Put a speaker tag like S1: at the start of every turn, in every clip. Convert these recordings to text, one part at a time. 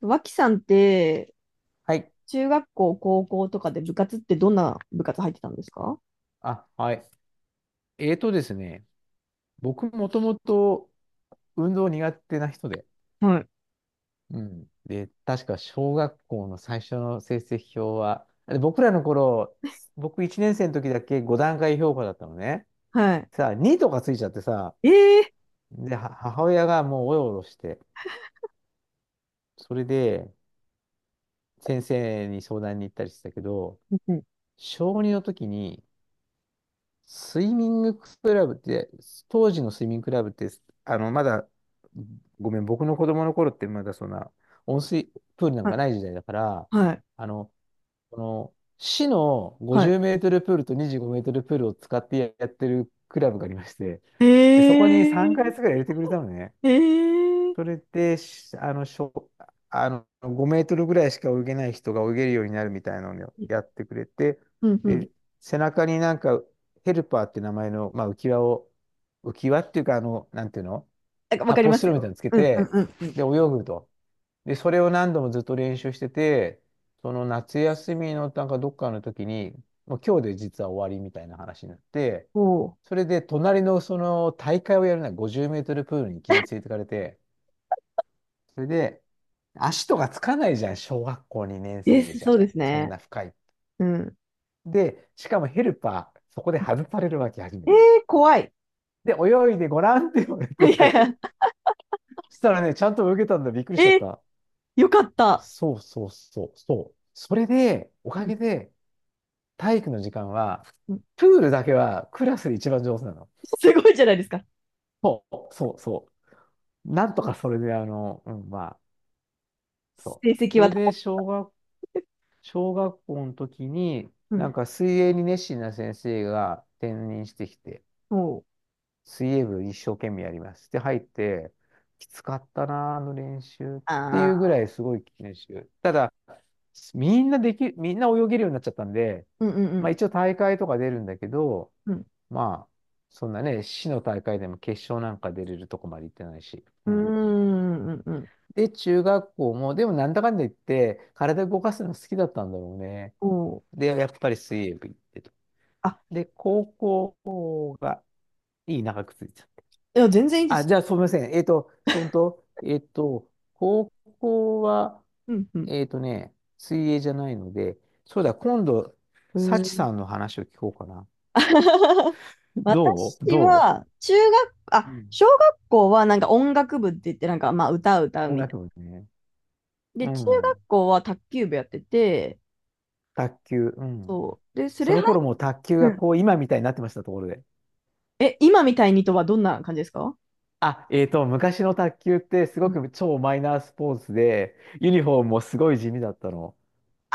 S1: 脇さんって、
S2: はい。
S1: 中学校、高校とかで部活ってどんな部活入ってたんですか？
S2: あ、はい。ですね、僕もともと運動苦手な人で、
S1: はい
S2: うん。で、確か小学校の最初の成績表は、で、僕らの頃、僕1年生の時だけ5段階評価だったのね。
S1: はい。
S2: さあ、2とかついちゃってさ、
S1: ええ、
S2: で、は母親がもうおろおろして、それで先生に相談に行ったりしてたけど、
S1: うんうん、
S2: 小2の時にスイミングクラブって、当時のスイミングクラブって、まだ、ごめん、僕の子供の頃ってまだそんな、温水プールなん
S1: は
S2: か
S1: い、
S2: ない時代だから、
S1: はい、
S2: あの、この、市の
S1: は
S2: 50
S1: い。
S2: メートルプールと25メートルプールを使ってやってるクラブがありまして、
S1: え
S2: で、そこに3ヶ月ぐらい
S1: え
S2: 入れてくれたのね。
S1: え
S2: そ
S1: え、
S2: れで、しあの、しょ、あの、5メートルぐらいしか泳げない人が泳げるようになるみたいなのをやってくれて、
S1: うんうん。
S2: で、背中になんか、ヘルパーって名前の、まあ、浮き輪を、浮き輪っていうか、なんていうの、
S1: なんかわか
S2: 発
S1: り
S2: 泡
S1: ま
S2: スチ
S1: す
S2: ロールみた
S1: よ。
S2: いなのつけ
S1: うんうん
S2: て、
S1: うんうん。
S2: で、泳ぐと。で、それを何度もずっと練習してて、その夏休みのなんかどっかの時に、もう今日で実は終わりみたいな話になって、
S1: おお。
S2: それで隣のその大会をやるなら50メートルプールにいきなり連れてかれて、それで、足とかつかないじゃん、小学校2年
S1: で
S2: 生
S1: す、
S2: じ
S1: そ
S2: ゃ。
S1: うです
S2: そん
S1: ね。
S2: な深い。
S1: うん。
S2: で、しかもヘルパー、そこで外されるわけ、初め
S1: え
S2: て。
S1: え、怖い。
S2: で、泳いでごらんって言われ
S1: いやい
S2: て、
S1: や、
S2: そしたらね、ちゃんと泳げたんだ、びっくりしちゃ
S1: え
S2: っ
S1: え、
S2: た。
S1: よかった。
S2: そうそうそう、そう。それで、お
S1: う
S2: か
S1: ん
S2: げで、体育の時間は、
S1: うん。
S2: プールだけはクラスで一番上手なの。
S1: すごいじゃないですか。
S2: そう、そう、そう。なんとかそれで、うん、まあ、そう。
S1: 成績
S2: そ
S1: は
S2: れ
S1: 保
S2: で、
S1: っ、
S2: 小学校の時に、
S1: う
S2: な
S1: ん。
S2: んか水泳に熱心な先生が転任してきて、
S1: おお。
S2: 水泳部一生懸命やります。で、入って、きつかったな、あの練習ってい
S1: あ
S2: うぐ
S1: あ。
S2: らいすごい練習。ただ、みんな泳げるようになっちゃったんで、
S1: うんう
S2: まあ
S1: ん
S2: 一応大会とか出るんだけど、
S1: うん。うん。
S2: まあ、そんなね、市の大会でも決勝なんか出れるとこまで行ってないし。
S1: う
S2: う
S1: ーん
S2: ん。
S1: うんうん。
S2: で、中学校も、でもなんだかんだ言って、体動かすの好きだったんだろうね。
S1: おお。
S2: で、やっぱり水泳部行ってと。
S1: あ、
S2: で、高校が、長くついちゃった。
S1: いや、全然いいで
S2: あ、
S1: す。
S2: じゃあ、すみません。えっと、そんと、えっと、高校は、
S1: うんうん。
S2: 水泳じゃないので、そうだ、今度、
S1: う
S2: サチ
S1: ん。
S2: さんの話を聞こうかな。どう
S1: 私
S2: ど
S1: は、中学、
S2: う、
S1: あ、
S2: うん、
S1: 小学校はなんか音楽部って言って、なんかまあ歌を歌う
S2: 音
S1: みた
S2: 楽
S1: い
S2: 部ね。
S1: な。で、
S2: う
S1: 中学
S2: ん。
S1: 校は卓球部やってて、
S2: 卓球。うん。
S1: そう。で、そ
S2: そ
S1: れ
S2: の
S1: 入っ、
S2: 頃もう卓球
S1: う
S2: が
S1: ん。
S2: こう、今みたいになってました、ところで。
S1: え、今みたいにとはどんな感じですか？
S2: あ、昔の卓球ってす
S1: う
S2: ご
S1: ん、
S2: く超マイナースポーツで、ユニフォームもすごい地味だったの。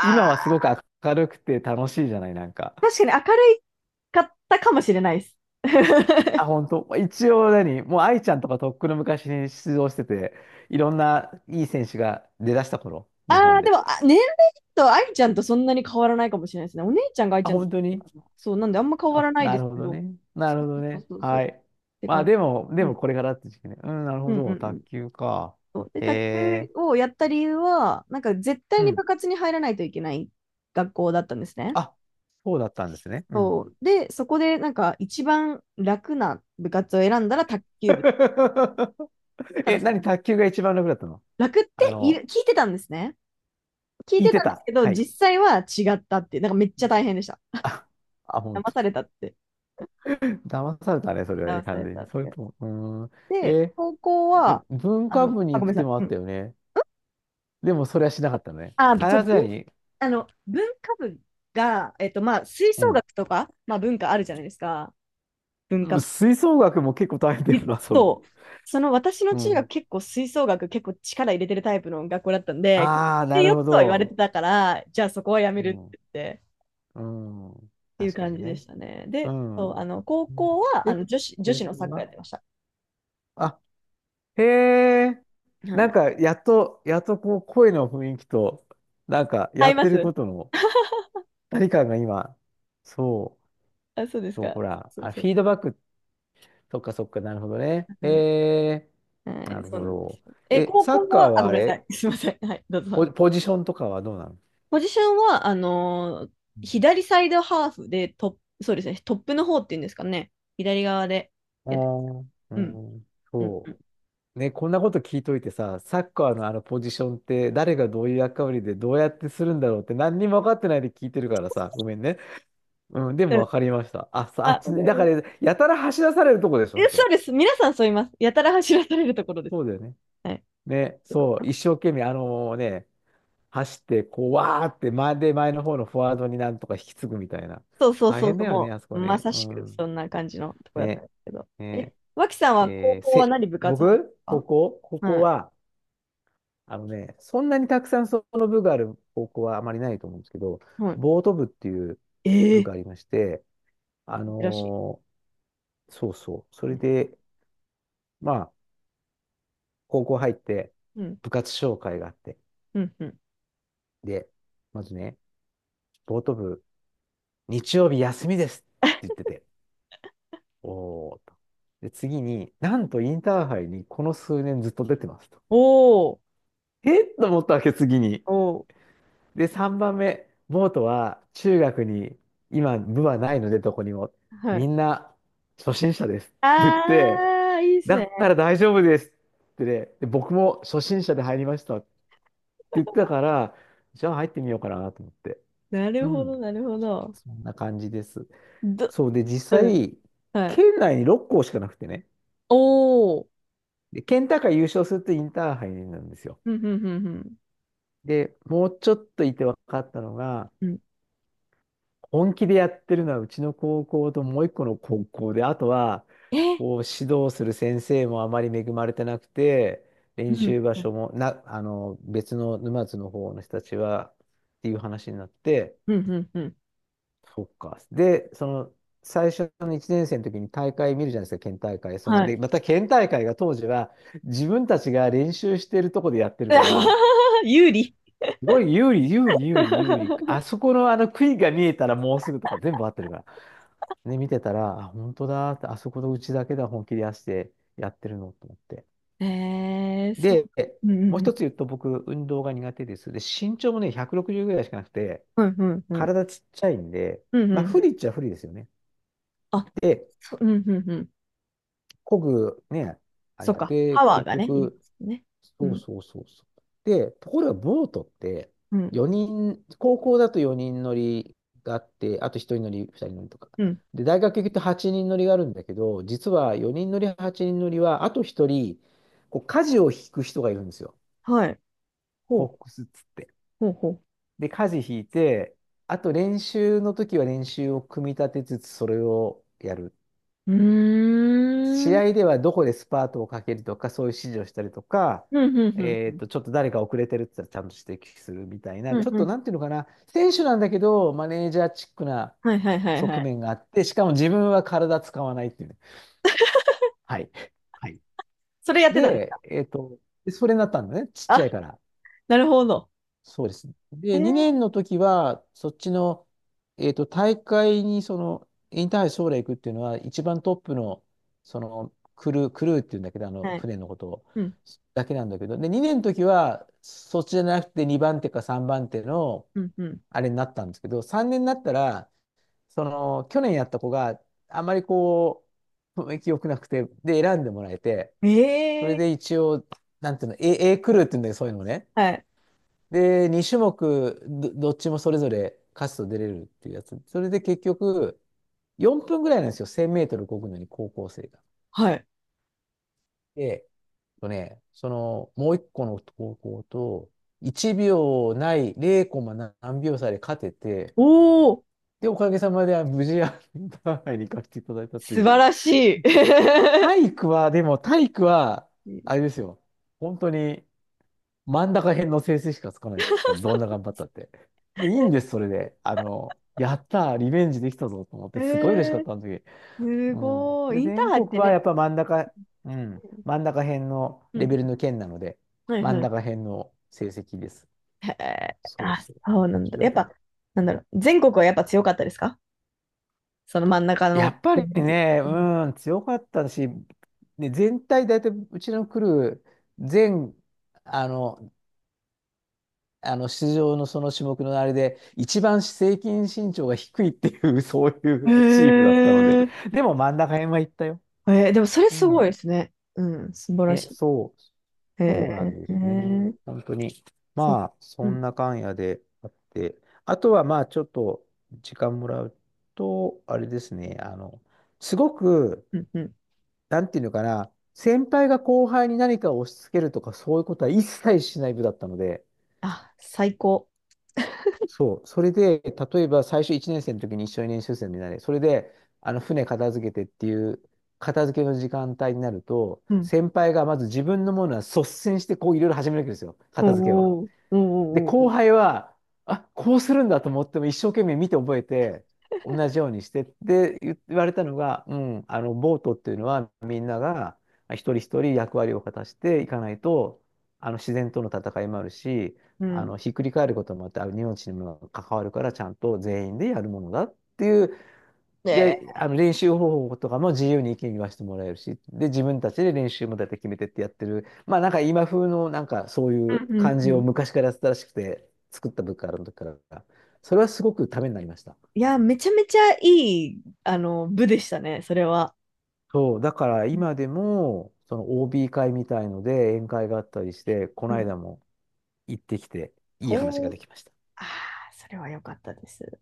S2: 今はすごく明るくて楽しいじゃない、なん
S1: ー、
S2: か。
S1: 確かに明るいかったかもしれないです。
S2: あ、本当。一応もう愛ちゃんとかとっくの昔に出場してて、いろんないい選手が出だした頃、
S1: あ
S2: 日本
S1: あ、で
S2: で。
S1: も、あ、年齢と愛ちゃんとそんなに変わらないかもしれないですね。お姉ちゃんが愛ち
S2: あ、
S1: ゃんだっ
S2: 本当
S1: た
S2: に、
S1: かな、そう、なんであんま変わら
S2: あ、
S1: ない
S2: な
S1: です
S2: るほ
S1: け
S2: ど
S1: ど、
S2: ね。
S1: そ
S2: なるほど
S1: うそう
S2: ね。
S1: そうそう、
S2: は
S1: っ
S2: い。
S1: て
S2: まあ
S1: 感
S2: でも、で
S1: じ。う
S2: も
S1: ん
S2: これからって時期ね。うん、なる
S1: う
S2: ほ
S1: んう
S2: ど。
S1: んうん。
S2: 卓球か。
S1: そうで、
S2: へ
S1: 卓球
S2: え。
S1: をやった理由は、なんか絶対
S2: う
S1: に部
S2: ん。
S1: 活に入らないといけない学校だったんですね。
S2: あ、そうだったんですね。う
S1: そ
S2: ん。
S1: う。で、そこでなんか一番楽な部活を選んだら卓球部。ただ
S2: え、
S1: そ
S2: 何、
S1: の、
S2: 卓球が一番楽だったの？
S1: 楽っ
S2: あ
S1: てい
S2: の、
S1: る、聞いてたんですね。聞い
S2: 聞い
S1: て
S2: て
S1: たんです
S2: た。
S1: けど、
S2: はい。
S1: 実際は違ったっていう、なんかめっちゃ大変でした。
S2: あ、あ、
S1: 騙されたって。
S2: 騙されたね、それはね、
S1: 騙さ
S2: 完
S1: れ
S2: 全
S1: た
S2: に。
S1: って
S2: それ
S1: 感じ。
S2: とも、うーん。
S1: で、
S2: え
S1: 高校
S2: で
S1: は、
S2: も文
S1: あ
S2: 化
S1: の、
S2: 部に
S1: あ、
S2: 行
S1: ごめ
S2: く
S1: んな
S2: 手
S1: さい。
S2: もあ
S1: う
S2: っ
S1: ん。
S2: たよね。でも、それはしなかったね。
S1: あ、
S2: 必
S1: そう、
S2: ずや
S1: 文、
S2: に、
S1: あの、文化部が、まあ、吹
S2: う
S1: 奏
S2: ん。
S1: 楽とか、まあ、文化あるじゃないですか。文
S2: うん、
S1: 化と、
S2: 吹奏楽も結構大変だよ な、それ。
S1: そ、その私の
S2: う
S1: 中学
S2: ん。
S1: 結構吹奏楽結構力入れてるタイプの学校だったんで、
S2: ああ、
S1: で
S2: なる
S1: よっ
S2: ほ
S1: とは言われて
S2: ど。
S1: たから、じゃあそこはやめ
S2: う
S1: るっ
S2: ん。
S1: て言って、
S2: うん。
S1: っていう
S2: 確か
S1: 感
S2: に
S1: じで
S2: ね。
S1: したね。
S2: う
S1: で、そう、
S2: ん。
S1: あの高校はあ
S2: で、
S1: の女子、女
S2: こ
S1: 子のサッ
S2: こ
S1: カーや
S2: が、
S1: ってました。
S2: あ、へえ。
S1: は
S2: なん
S1: い。
S2: か、やっと、やっとこう、声の雰囲気と、なんか、
S1: 合
S2: や
S1: い
S2: っ
S1: ま
S2: てる
S1: す。
S2: ことの、何かが今、そ
S1: あ、そうで
S2: う、
S1: す
S2: そう、
S1: か。
S2: ほら、
S1: そう
S2: あ、
S1: そう
S2: フィード
S1: そ
S2: バックっ、そっかそっか、なるほどね。
S1: う。う
S2: え
S1: ん、
S2: え、
S1: は
S2: な
S1: い、
S2: る
S1: そう
S2: ほ
S1: なんで
S2: ど。
S1: すよ。え、
S2: え、
S1: 高
S2: サッ
S1: 校
S2: カー
S1: は、あ、
S2: は
S1: ご
S2: あ
S1: めんなさい。
S2: れ、
S1: すいません。はい、どう
S2: ポ、
S1: ぞ。
S2: ポジションとかはどうなの？
S1: ポジションは、左サイドハーフでトップ、そうですね、トップの方っていうんですかね。左側で
S2: ああ
S1: やっ。
S2: ー、う
S1: うん。
S2: ん、
S1: うんう
S2: そ
S1: ん。
S2: う。ね、こんなこと聞いといてさ、サッカーのあのポジションって誰がどういう役割でどうやってするんだろうって何にも分かってないで聞いてるからさ、ごめんね。うん、で
S1: う
S2: も
S1: ん、
S2: 分かりました。あ、さあ
S1: あ、
S2: っ
S1: わ
S2: ち
S1: かり
S2: に、だか
S1: ます、
S2: ら、やたら走らされるとこでしょ、
S1: え、
S2: そ
S1: そう
S2: こ。
S1: です。皆さんそう言います。やたら走らされるところです。
S2: そうだよね。
S1: はい。
S2: ね、そう、一生懸命、あのね、走って、こう、わーって前で前の方のフォワードになんとか引き継ぐみたいな。
S1: そうそう
S2: 大
S1: そう
S2: 変
S1: そ
S2: だ
S1: う。
S2: よね、
S1: も
S2: あそ
S1: う、
S2: こ
S1: ま
S2: ね。
S1: さ
S2: う
S1: しくそ
S2: ん。
S1: んな感じのとこだったん
S2: ね。
S1: ですけど。え、
S2: ね。
S1: 脇さんは高
S2: えー
S1: 校は
S2: せ、
S1: 何部活入っ
S2: 僕、
S1: たん
S2: 高
S1: で
S2: 校、高
S1: すか？
S2: 校
S1: はい。
S2: は、あのね、そんなにたくさんその部がある高校はあまりないと思うんですけど、
S1: は
S2: ボート部っていう部が
S1: い。え
S2: あ
S1: え
S2: りまして、あ
S1: ー、珍し
S2: のーそうそう。そ
S1: い。う
S2: れ
S1: ん。
S2: で、まあ、高校入って、
S1: うん。
S2: 部活紹介があって、
S1: うん。うん、
S2: で、まずね、ボート部、日曜日休みですって言ってて、おーと。で、次に、なんとインターハイにこの数年ずっと出てますと。
S1: おお、
S2: えっと思ったわけ、次に。
S1: お
S2: で、3番目、ボートは中学に今、部はないので、どこにも。
S1: ー、は
S2: み
S1: い。
S2: んな初心者です。って言って、
S1: ああ、いいっす
S2: だか
S1: ね。
S2: ら大丈夫ですってね、で、僕も初心者で入りましたって言ってたから、じゃあ入ってみようかなと思って。
S1: な
S2: う
S1: るほ
S2: ん、
S1: ど、なるほど。
S2: そんな感じです。
S1: ど、
S2: そうで、実
S1: うん。
S2: 際、
S1: はい。
S2: 県内に6校しかなくてね。
S1: おお。
S2: で、ケンタが優勝するとインターハイなんですよ。
S1: うん、うん、うん、うん。
S2: で、もうちょっといて分かったのが、
S1: うん、
S2: 本気でやってるのはうちの高校ともう一個の高校で、あとは、
S1: え、
S2: こう指導する先生もあまり恵まれてなくて、
S1: う
S2: 練
S1: ん、
S2: 習場
S1: うん、
S2: 所もな、別の沼津の方の人たちは、っていう話になって、
S1: うん、うん。うん、
S2: そっか。で、その、最初の1年生の時に大会見るじゃないですか、県大会。その、
S1: は
S2: で、
S1: い。
S2: また県大会が当時は、自分たちが練習してるとこでやってるから、
S1: 有利。
S2: すごい有利、有利、有利、有利。あ そこのあの杭が見えたらもうすぐとか全部合ってるから。ね、見てたら、あ、本当だって、あそこのうちだけで本気で出してやってるのと思って。
S1: えー、そう。
S2: で、
S1: う
S2: もう
S1: ん
S2: 一つ言うと僕、運動が苦手です。で、身長もね、160ぐらいしかなくて、
S1: うんうん。
S2: 体ちっちゃいんで、
S1: うんうんう
S2: ま
S1: ん。
S2: あ、
S1: うんうんう
S2: 不
S1: ん。
S2: 利っちゃ不利ですよね。
S1: あ、
S2: で、
S1: そ、うんうんうん。
S2: こぐ、ね、あれ
S1: そっ
S2: が。
S1: か。
S2: で、
S1: パワー
S2: 結
S1: がね、いりま
S2: 局、
S1: すよね。う
S2: そう
S1: ん。
S2: そうそうそう。で、ところがボートって
S1: うん。
S2: 4人、高校だと4人乗りがあって、あと1人乗り、2人乗りとか。
S1: うん。
S2: で、大学行くと8人乗りがあるんだけど、実は4人乗り、8人乗りは、あと1人、こう、舵を引く人がいるんですよ。
S1: はい。ほ
S2: コッ
S1: う。
S2: クスっつって。
S1: ほうほ
S2: で、舵引いて、あと練習の時は練習を組み立てつつ、それをやる。
S1: う。うー
S2: 試
S1: ん。
S2: 合ではどこでスパートをかけるとか、そういう指示をしたりとか、
S1: うんうんうん。
S2: ちょっと誰か遅れてるって言ったらちゃんと指摘するみたい
S1: う
S2: な、ち
S1: ん
S2: ょっ
S1: う
S2: と
S1: ん。
S2: なんていうのかな、選手なんだけど、マネージャーチックな
S1: はいはいはいは
S2: 側
S1: い。
S2: 面があって、しかも自分は体使わないっていうね。はい。はい。
S1: それやってたんですか？
S2: で、それになったんだね、ちっちゃ
S1: あ、
S2: いから。
S1: なるほど。
S2: そうですね。
S1: え
S2: で、
S1: ー、
S2: 2年の時は、そっちの、大会に、その、インターハイ将来行くっていうのは、一番トップの、その、クルーっていうんだけど、あの、
S1: はい。
S2: 船のことを、
S1: うん。
S2: だけなんだけど、で、2年の時は、そっちじゃなくて2番手か3番手の、
S1: うんう
S2: あれになったんですけど、3年になったら、その、去年やった子があまりこう、雰囲気良くなくて、で、選んでもらえて、
S1: ん。
S2: そ
S1: え
S2: れ
S1: ー、
S2: で一応、なんていうの、A クルーっていうんだけど、そういうのね。
S1: はい。
S2: で、2種目どっちもそれぞれ勝つと出れるっていうやつ。それで結局、4分ぐらいなんですよ。1000メートル漕ぐのに高校生が。
S1: はい。
S2: で、その、もう一個の高校と、1秒ない、0コマ何秒差で勝てて、
S1: おー、
S2: で、おかげさまで無事、あのパーハイに行かせていただいたって
S1: 素
S2: いう。
S1: 晴らしい。
S2: 体育は、でも体育は、あれですよ。本当に、真ん中辺の成績しかつかないから、どんな頑張ったって。もういいんです、それで。あの、やったー、リベンジできたぞと思っ
S1: え
S2: て、すごい嬉しかっ
S1: ー、
S2: たん時。
S1: す
S2: うん。
S1: ごい。
S2: で、
S1: インター
S2: 全
S1: ハイっ
S2: 国
S1: て
S2: はや
S1: ね。
S2: っぱ真ん中、うん、真ん中辺の
S1: うんう
S2: レベル
S1: ん。
S2: の県なので、
S1: はい
S2: 真
S1: は
S2: ん
S1: い。
S2: 中辺の成績です。
S1: へえ。
S2: そう
S1: あ、
S2: そう。
S1: そうなんだ。
S2: 強
S1: やっ
S2: かっ
S1: ぱ、なんだろう。全国はやっぱ強かったですか？その真ん中
S2: た。や
S1: の
S2: っぱ
S1: レ
S2: り
S1: ベルで。
S2: ね、
S1: うん、
S2: うん、強かったし、ね、全体大体うちの来る全、あの、あの出場のその種目のあれで、一番平均身長が低いっていう そういうチーム
S1: へ
S2: だったので、
S1: え。
S2: でも真ん中辺は行ったよ。
S1: えー、でもそれ
S2: う
S1: すごい
S2: ん。
S1: ですね。うん、素晴らし
S2: ね、
S1: い。
S2: そう、
S1: へ
S2: そうなんで
S1: え。へ
S2: すね。
S1: え、
S2: 本当に。
S1: そう。
S2: まあ、
S1: う
S2: そん
S1: ん、
S2: な感やであって、あとはまあ、ちょっと時間もらうと、あれですね、あの、すごく、
S1: うん、うん。
S2: なんていうのかな、先輩が後輩に何かを押し付けるとか、そういうことは一切しない部だったので、
S1: あ、最高。
S2: そう。それで、例えば最初1年生の時に一緒に練習生になれ。それで、あの、船片付けてっていう、片付けの時間帯になると、
S1: うん。
S2: 先輩がまず自分のものは率先してこういろいろ始めるわけですよ。
S1: おー、
S2: 片付けを。
S1: おお、ー、
S2: で、
S1: おー、
S2: 後
S1: おー、
S2: 輩は、あ、こうするんだと思っても一生懸命見て覚えて、同じようにしてって言われたのが、うん、あの、ボートっていうのはみんなが一人一人役割を果たしていかないと、あの、自然との戦いもあるし、
S1: う
S2: あ
S1: ん。
S2: の、ひっくり返ることもあって、あの命にも関わるから、ちゃんと全員でやるものだっていう。
S1: ねえ。
S2: で、あの練習方法とかも自由に意見言わせてもらえるし、で、自分たちで練習もだいたい決めてってやってる。まあなんか今風のなんかそうい
S1: う
S2: う
S1: ん、うん、
S2: 感じ
S1: う
S2: を
S1: ん。
S2: 昔からやってたらしくて、作った部活ある時から。それはすごくためになりました。
S1: いや、めちゃめちゃいい、あの、部でしたね、それは。
S2: そう、だから今でも、その OB 会みたいので宴会があったりして、こ
S1: う
S2: の
S1: ん。
S2: 間も行ってきて、いい話
S1: ほ
S2: が
S1: う。
S2: できました。
S1: ああ、それは良かったです。